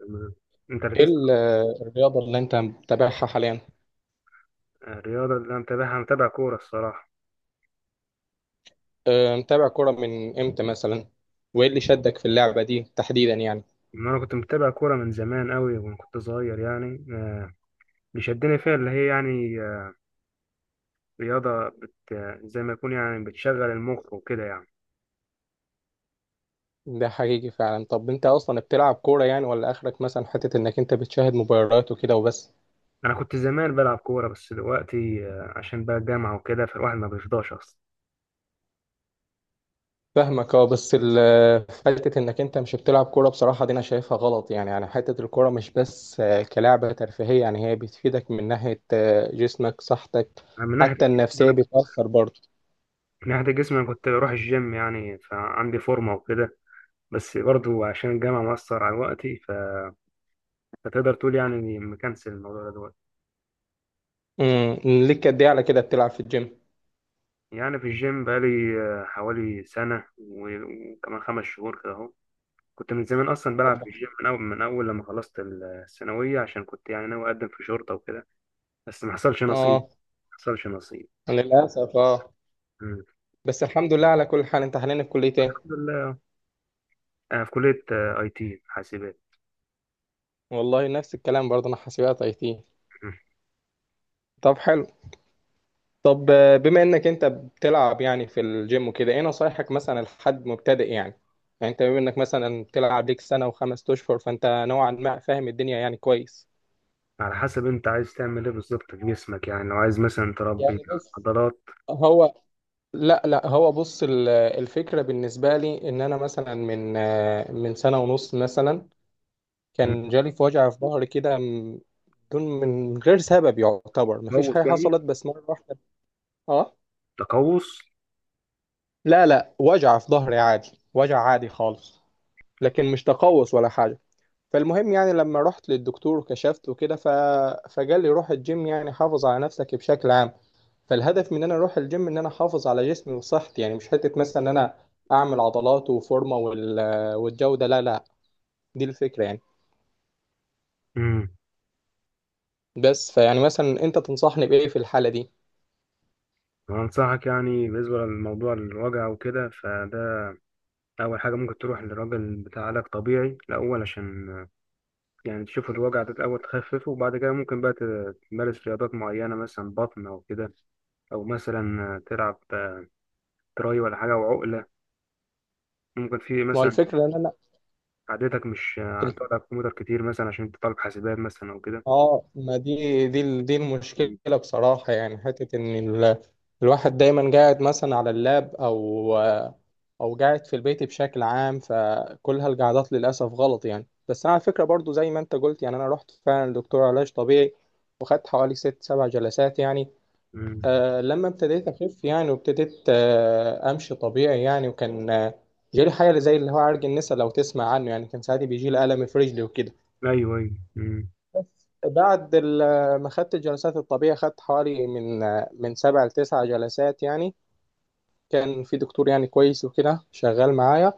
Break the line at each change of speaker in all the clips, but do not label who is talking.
تمام. انت
ايه
ركزت.
الرياضة اللي انت متابعها حاليا؟
الرياضة اللي انا متابعها متابع كورة الصراحة.
اه، متابع كرة من امتى مثلا؟ وايه اللي شدك في اللعبة دي تحديدا يعني؟
ان انا كنت متابع كورة من زمان قوي وانا كنت صغير يعني اللي شدني فيها اللي هي يعني رياضة بت آه، زي ما يكون يعني بتشغل المخ وكده يعني.
ده حقيقي فعلا. طب انت اصلا بتلعب كورة يعني، ولا اخرك مثلا حتة انك انت بتشاهد مباريات وكده وبس؟
انا كنت زمان بلعب كورة بس دلوقتي عشان بقى الجامعة وكده فالواحد ما بيفضاش اصلا.
فاهمك، اه، بس حتة انك انت مش بتلعب كورة بصراحة، دي انا شايفها غلط يعني حتة الكورة مش بس كلعبة ترفيهية، يعني هي بتفيدك من ناحية جسمك صحتك.
أنا من ناحية
حتى
الجسم-
النفسية
انا كنت-
بتأثر برضه.
من ناحية الجسم انا كنت بروح الجيم يعني فعندي فورمة وكده. بس برضو عشان الجامعة مأثر على وقتي فتقدر تقول يعني إني مكنسل الموضوع ده دلوقتي.
ليك قد ايه على كده بتلعب في الجيم؟
يعني في الجيم بقالي حوالي سنة وكمان 5 شهور كده أهو. كنت من زمان أصلا بلعب
أبدأ.
في الجيم من أول لما خلصت الثانوية عشان كنت يعني ناوي أقدم في شرطة وكده. بس ما حصلش نصيب.
اه.
ما حصلش نصيب.
للأسف اه.
مم.
بس الحمد لله على كل حال. انت حاليا في كلية
الحمد
ايه؟
لله. أنا في كلية أي تي حاسبات.
والله نفس الكلام برضه، انا حاسبات اي تي.
مم.
طب حلو. طب، بما انك انت بتلعب يعني في الجيم وكده، ايه نصايحك مثلا لحد مبتدئ يعني؟ يعني انت بما انك مثلا بتلعب ليك سنة وخمس اشهر، فانت نوعا ما فاهم الدنيا يعني كويس.
على حسب أنت عايز تعمل إيه بالظبط في جسمك يعني لو عايز مثلا تربي
يعني بص.
عضلات.
هو. لا لا، هو بص، الفكرة بالنسبة لي ان انا مثلا من سنة ونص مثلا،
مم.
كان جالي في وجع في ظهري كده من غير سبب يعتبر، مفيش حاجة
تقوس يعني.
حصلت بس مرة واحدة. اه.
تقوس.
لا لا، وجع في ظهري عادي، وجع عادي خالص. لكن مش تقوس ولا حاجة. فالمهم يعني لما رحت للدكتور وكشفت وكده فقال لي روح الجيم يعني، حافظ على نفسك بشكل عام. فالهدف من ان انا اروح الجيم ان انا احافظ على جسمي وصحتي، يعني مش حتة مثلا ان انا اعمل عضلات وفورمة والجودة، لا لا. دي الفكرة يعني.
مم.
بس، فيعني مثلا انت تنصحني بايه في الحالة دي؟
وأنصحك يعني بالنسبة للموضوع الوجع وكده فده أول حاجة ممكن تروح لراجل بتاع علاج طبيعي الأول عشان يعني تشوف الوجع ده الأول تخففه وبعد كده ممكن بقى تمارس رياضات معينة مثلا بطن أو كده. أو مثلا تلعب تراي ولا حاجة وعقلة. ممكن في
ما هو
مثلا
الفكرة ان،
عادتك مش
الف-
تقعد على الكمبيوتر كتير مثلا عشان أنت طالب حاسبات مثلا أو كده.
اه ما دي دي
مم.
المشكله بصراحه، يعني حته ان ال... الواحد دايما قاعد مثلا على اللاب او، قاعد في البيت بشكل عام، فكل هالقعدات للاسف غلط يعني. بس انا على فكره، برضو زي ما انت قلت، يعني انا رحت فعلا لدكتور علاج طبيعي، وخدت حوالي ست سبع جلسات يعني.
مم.
لما ابتديت اخف يعني، وابتديت امشي طبيعي يعني، وكان، جالي حاجه زي اللي هو عرج النسا، لو تسمع عنه يعني، كان ساعات بيجي لي الم في رجلي وكده.
أيوه، أيوه. مم.
بس بعد ما خدت الجلسات الطبية، خدت حوالي من سبع لتسع جلسات يعني. كان في دكتور يعني كويس وكده شغال معايا.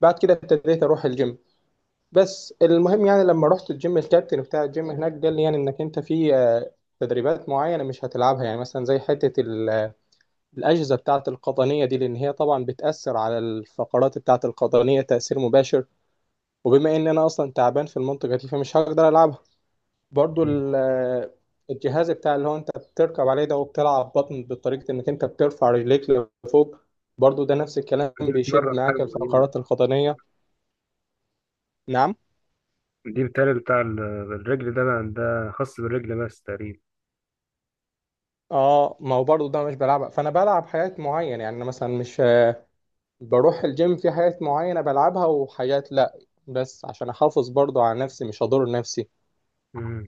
بعد كده ابتديت اروح الجيم. بس المهم يعني لما رحت الجيم، الكابتن بتاع الجيم هناك قال لي يعني انك انت في، تدريبات معينة مش هتلعبها، يعني مثلا زي حتة الأجهزة بتاعة القطنية دي، لأن هي طبعا بتأثر على الفقرات بتاعة القطنية تأثير مباشر. وبما إن أنا أصلا تعبان في المنطقة دي، فمش هقدر ألعبها. برضو
مم.
الجهاز بتاع اللي هو انت بتركب عليه ده، وبتلعب بطن بطريقة انك انت بترفع رجليك لفوق، برضو ده نفس الكلام
فدي
بيشد
بتمرن حاجة
معاك
معينة.
الفقرات القطنية. نعم.
دي بالتالي بتاع الرجل ده بقى ده خاص بالرجل بس تقريبا.
اه، ما هو برضو ده مش بلعبها، فانا بلعب حاجات معينة يعني. أنا مثلا مش بروح الجيم في حاجات معينة بلعبها وحاجات لا، بس عشان احافظ برضو على نفسي مش اضر نفسي.
مم.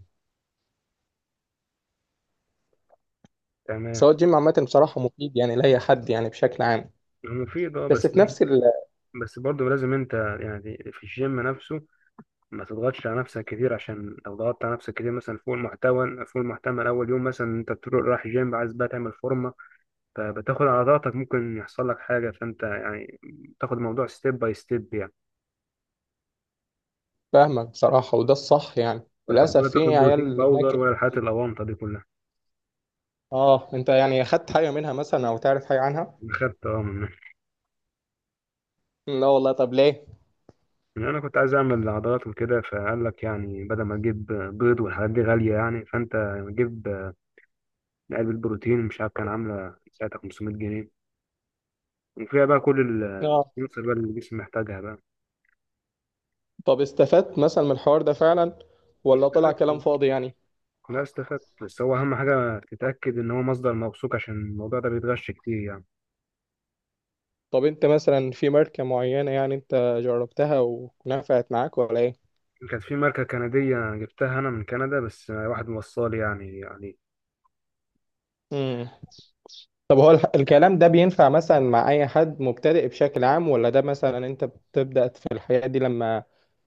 تمام.
سواء الجيم عامة، بصراحة مفيد يعني لأي حد يعني، بشكل عام.
هو مفيد، اه،
بس
بس.
في نفس ال-
بس برضه لازم انت يعني في الجيم نفسه ما تضغطش على نفسك كتير، عشان لو ضغطت على نفسك كتير مثلا فوق المحتمل اول يوم، مثلا انت بتروح رايح جيم عايز بقى تعمل فورمه، فبتاخد على ضغطك ممكن يحصل لك حاجه، فانت يعني تاخد الموضوع ستيب باي ستيب يعني.
فاهمك بصراحة، وده الصح يعني.
ولا تاخد
للأسف
ولا
في
تاخد بروتين
عيال هناك.
باودر ولا الحاجات الاوانطه دي كلها.
اه، انت يعني اخدت حاجه منها مثلا، او تعرف حاجه عنها؟
خدت، اه، من.
لا والله، طب ليه؟
يعني انا كنت عايز اعمل عضلات وكده فقال لك يعني بدل ما تجيب بيض والحاعات دي غاليه يعني، فانت جيب علبه بروتين، مش عارف كان عامله ساعتها 500 جنيه، وفيها بقى كل
اه.
العناصر بقى اللي الجسم محتاجها بقى.
طب استفدت مثلا من الحوار ده فعلا، ولا طلع
استفدت.
كلام فاضي يعني؟
لا، استفدت، بس هو أهم حاجة تتأكد إن هو مصدر موثوق عشان الموضوع ده بيتغش كتير يعني.
طب انت مثلا في ماركه معينه يعني، انت جربتها ونفعت معاك ولا ايه؟
كانت في ماركة كندية جبتها أنا من كندا بس واحد موصلي يعني.
امم. طب هو الكلام ده بينفع مثلا مع اي حد مبتدئ بشكل عام، ولا ده مثلا انت بتبدا في الحياه دي لما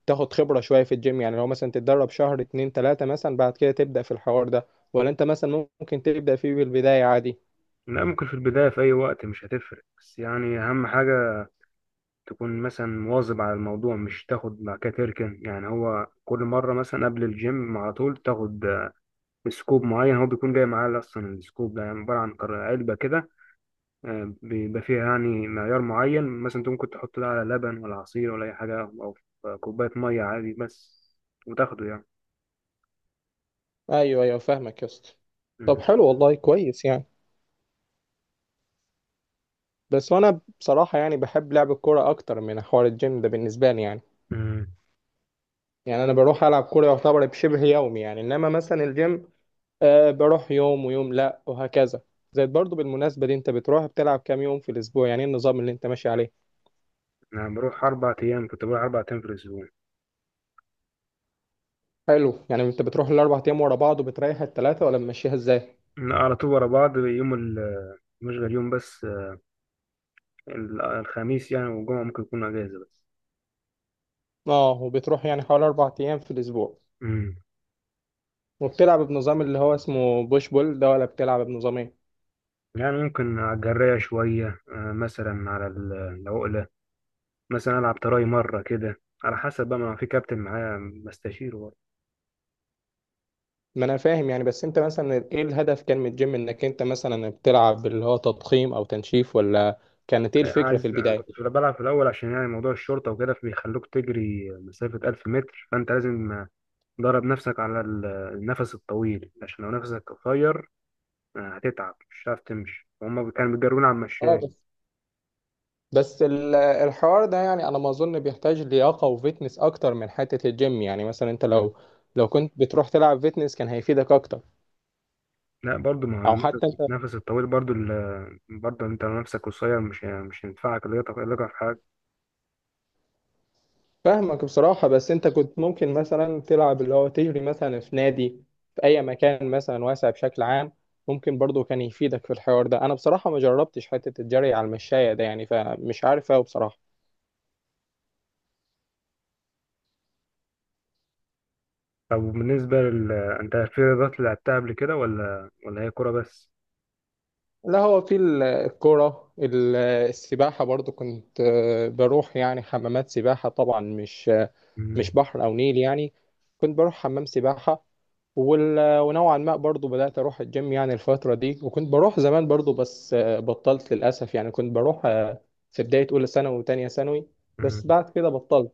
تاخد خبره شويه في الجيم يعني، لو مثلا تتدرب شهر اتنين تلاته مثلا بعد كده تبدا في الحوار ده، ولا انت مثلا ممكن تبدا فيه بالبدايه عادي؟
لا، ممكن في البداية في أي وقت مش هتفرق، بس يعني أهم حاجة تكون مثلا مواظب على الموضوع، مش تاخد مع كده تركن يعني، هو كل مرة مثلا قبل الجيم على طول تاخد سكوب معين، هو بيكون جاي معاه أصلا السكوب ده، يعني عبارة عن علبة كده بيبقى فيها يعني معيار معين، مثلا انت ممكن تحط ده على لبن ولا عصير ولا اي حاجه او في كوبايه ميه عادي بس، وتاخده يعني.
ايوه ايوه، فاهمك يا اسطى. طب
مم.
حلو والله، كويس يعني. بس انا بصراحه يعني بحب لعب الكوره اكتر من حوار الجيم ده بالنسبه لي يعني.
مم.
يعني انا بروح العب كوره يعتبر بشبه يومي يعني، انما مثلا الجيم بروح يوم ويوم لا وهكذا. زائد برضو بالمناسبه دي، انت بتروح بتلعب كام يوم في الاسبوع يعني، ايه النظام اللي انت ماشي عليه؟
انا بروح 4 ايام، كنت بروح 4 ايام في الاسبوع.
حلو، يعني انت بتروح الاربع ايام ورا بعض وبتريح الثلاثه، ولا ماشيها ازاي؟
أنا على طول ورا بعض، مش غير يوم بس الخميس يعني والجمعه ممكن يكون اجازه بس.
اه، وبتروح يعني حوالي 4 ايام في الاسبوع،
مم.
وبتلعب بنظام اللي هو اسمه بوش بول ده، ولا بتلعب بنظام ايه؟
يعني ممكن على الجراية شوية مثلا على العقلة، مثلا ألعب تراي مرة كده، على حسب بقى ما في كابتن معايا بستشيره.
ما انا فاهم يعني، بس انت مثلا ايه الهدف كان من الجيم؟ انك انت مثلا بتلعب اللي هو تضخيم او تنشيف، ولا كانت ايه الفكرة في
أنا
البداية؟
كنت في بلعب في الأول عشان يعني موضوع الشرطة وكده، فبيخلوك تجري مسافة 1000 متر، فأنت لازم تدرب نفسك على النفس الطويل، عشان لو نفسك قصير هتتعب، مش هتعرف تمشي، وهم كانوا بيجرونا على
اه
المشاية.
بس. بس الحوار ده يعني انا ما اظن بيحتاج لياقة وفيتنس اكتر من حتة الجيم، يعني مثلا انت لو كنت بتروح تلعب فيتنس كان هيفيدك اكتر.
لا، برضو ما هو
او حتى
النفس
انت،
النفس الطويل برضو برضو انت لو نفسك قصير مش هينفعك اللياقة. اللياقة في حاجة.
فاهمك بصراحة، بس انت كنت ممكن مثلا تلعب اللي هو تجري مثلا في نادي، في اي مكان مثلا واسع بشكل عام، ممكن برضو كان يفيدك في الحوار ده. انا بصراحة ما جربتش حتة الجري على المشاية ده يعني، فمش عارف اوي بصراحة.
طب بالنسبة انت في رياضات لعبتها قبل كده ولا هي كورة بس؟
لا، هو في الكرة، السباحة برضو كنت، بروح يعني حمامات سباحة، طبعا مش، مش
مم.
بحر أو نيل يعني، كنت بروح حمام سباحة. ونوعا ما برضو بدأت أروح الجيم يعني الفترة دي، وكنت بروح زمان برضو، بس بطلت للأسف يعني، كنت بروح في بداية أولى ثانوي وتانية ثانوي، بس
مم.
بعد كده بطلت.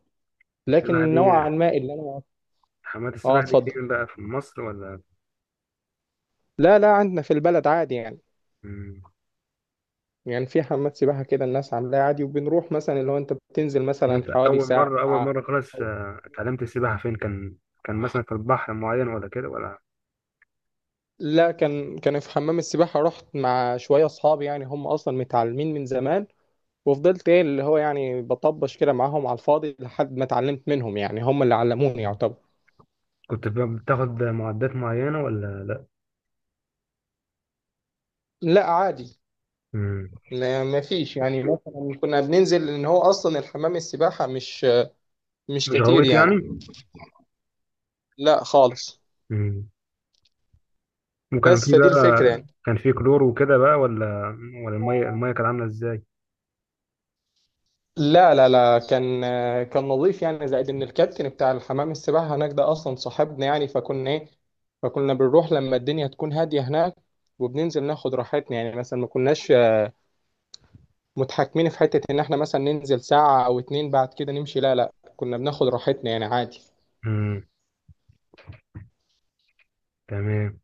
السباحة
لكن
دي،
نوعا ما اللي أنا،
حمامات السباحة دي
اتفضل.
فين بقى، في مصر ولا؟
لا لا، عندنا في البلد عادي يعني.
مم.
يعني في حمامات سباحة كده، الناس عاملاها عادي، وبنروح مثلا اللي هو انت بتنزل
يعني
مثلا
انت
حوالي
اول
ساعة
مره اول مره خلاص
أو،
اتعلمت السباحه فين كان؟ كان مثلا في البحر معين ولا كده ولا؟
لا، كان في حمام السباحة، رحت مع شوية أصحابي يعني، هم أصلا متعلمين من زمان، وفضلت ايه اللي هو يعني بطبش كده معاهم على الفاضي لحد ما اتعلمت منهم، يعني هم اللي علموني يعتبر.
كنت بتاخد معدات معينه ولا لا؟
لا عادي.
مم.
ما فيش يعني، مثلا كنا بننزل ان هو اصلا الحمام السباحة مش
مش
كتير
غويت
يعني.
يعني.
لا خالص.
مم. وكان
بس
في
فدي
بقى،
الفكرة يعني.
كان في كلور وكده بقى ولا، ولا الميه كانت عامله ازاي؟
لا لا لا، كان نظيف يعني. زائد ان الكابتن بتاع الحمام السباحه هناك ده اصلا صاحبنا، يعني فكنا ايه، فكنا بنروح لما الدنيا تكون هاديه هناك، وبننزل ناخد راحتنا يعني. مثلا ما كناش متحكمين في حته ان احنا مثلا ننزل ساعه او اتنين بعد كده نمشي، لا لا، كنا بناخد راحتنا يعني عادي.
مم. تمام.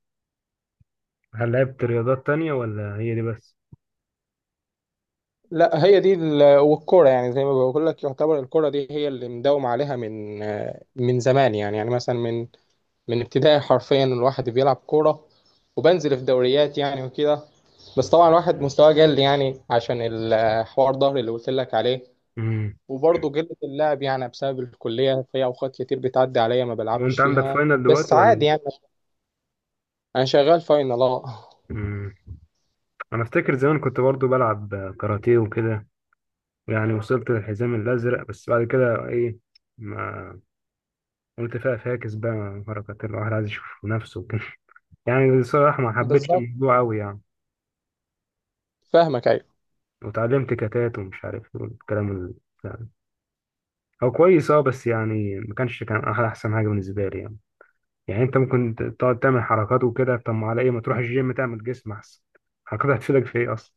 هل لعبت رياضات تانية ولا هي دي بس؟
لا هي دي والكرة، يعني زي ما بقول لك، يعتبر الكرة دي هي اللي مداوم عليها من، من زمان يعني مثلا من ابتدائي، حرفيا الواحد بيلعب كورة وبنزل في دوريات يعني وكده. بس طبعا الواحد مستواه قل يعني، عشان الحوار ظهري اللي قلت لك عليه،
مم.
وبرضه قلة اللعب يعني بسبب الكلية في أوقات كتير بتعدي عليا ما بلعبش
وانت عندك
فيها،
فاينل
بس
دلوقتي
عادي
ولا؟
يعني. أنا شغال فاينل اه.
مم. انا افتكر زمان كنت برضو بلعب كاراتيه وكده، يعني وصلت للحزام الأزرق، بس بعد كده إيه، ما قلت فيها فاكس بقى، حركات الواحد عايز يشوف نفسه وكده. يعني بصراحة ما حبيتش
بالظبط.
الموضوع أوي يعني.
فاهمك أيوه.
وتعلمت كتات ومش عارف إيه والكلام يعني هو كويس أه بس يعني، ما كانش كان أحلى أحسن حاجة بالنسبة لي يعني. يعني أنت ممكن تقعد تعمل حركات وكده، طب ما على إيه ما تروح الجيم تعمل جسم أحسن؟ الحركات هتفيدك في إيه أصلا؟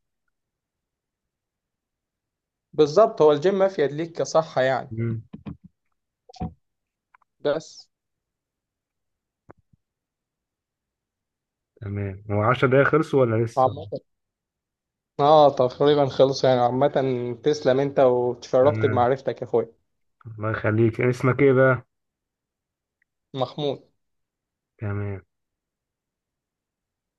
بالظبط، هو الجيم مفيد ليك كصحة يعني.
مم.
بس.
تمام، هو 10 دقايق خلصوا ولا لسه؟
عامة، اه تقريبا خلص يعني، عامة. تسلم أنت، وتشرفت
تمام.
بمعرفتك يا أخويا.
الله يخليك، اسمك إيه بقى؟
مخمود.
تمام.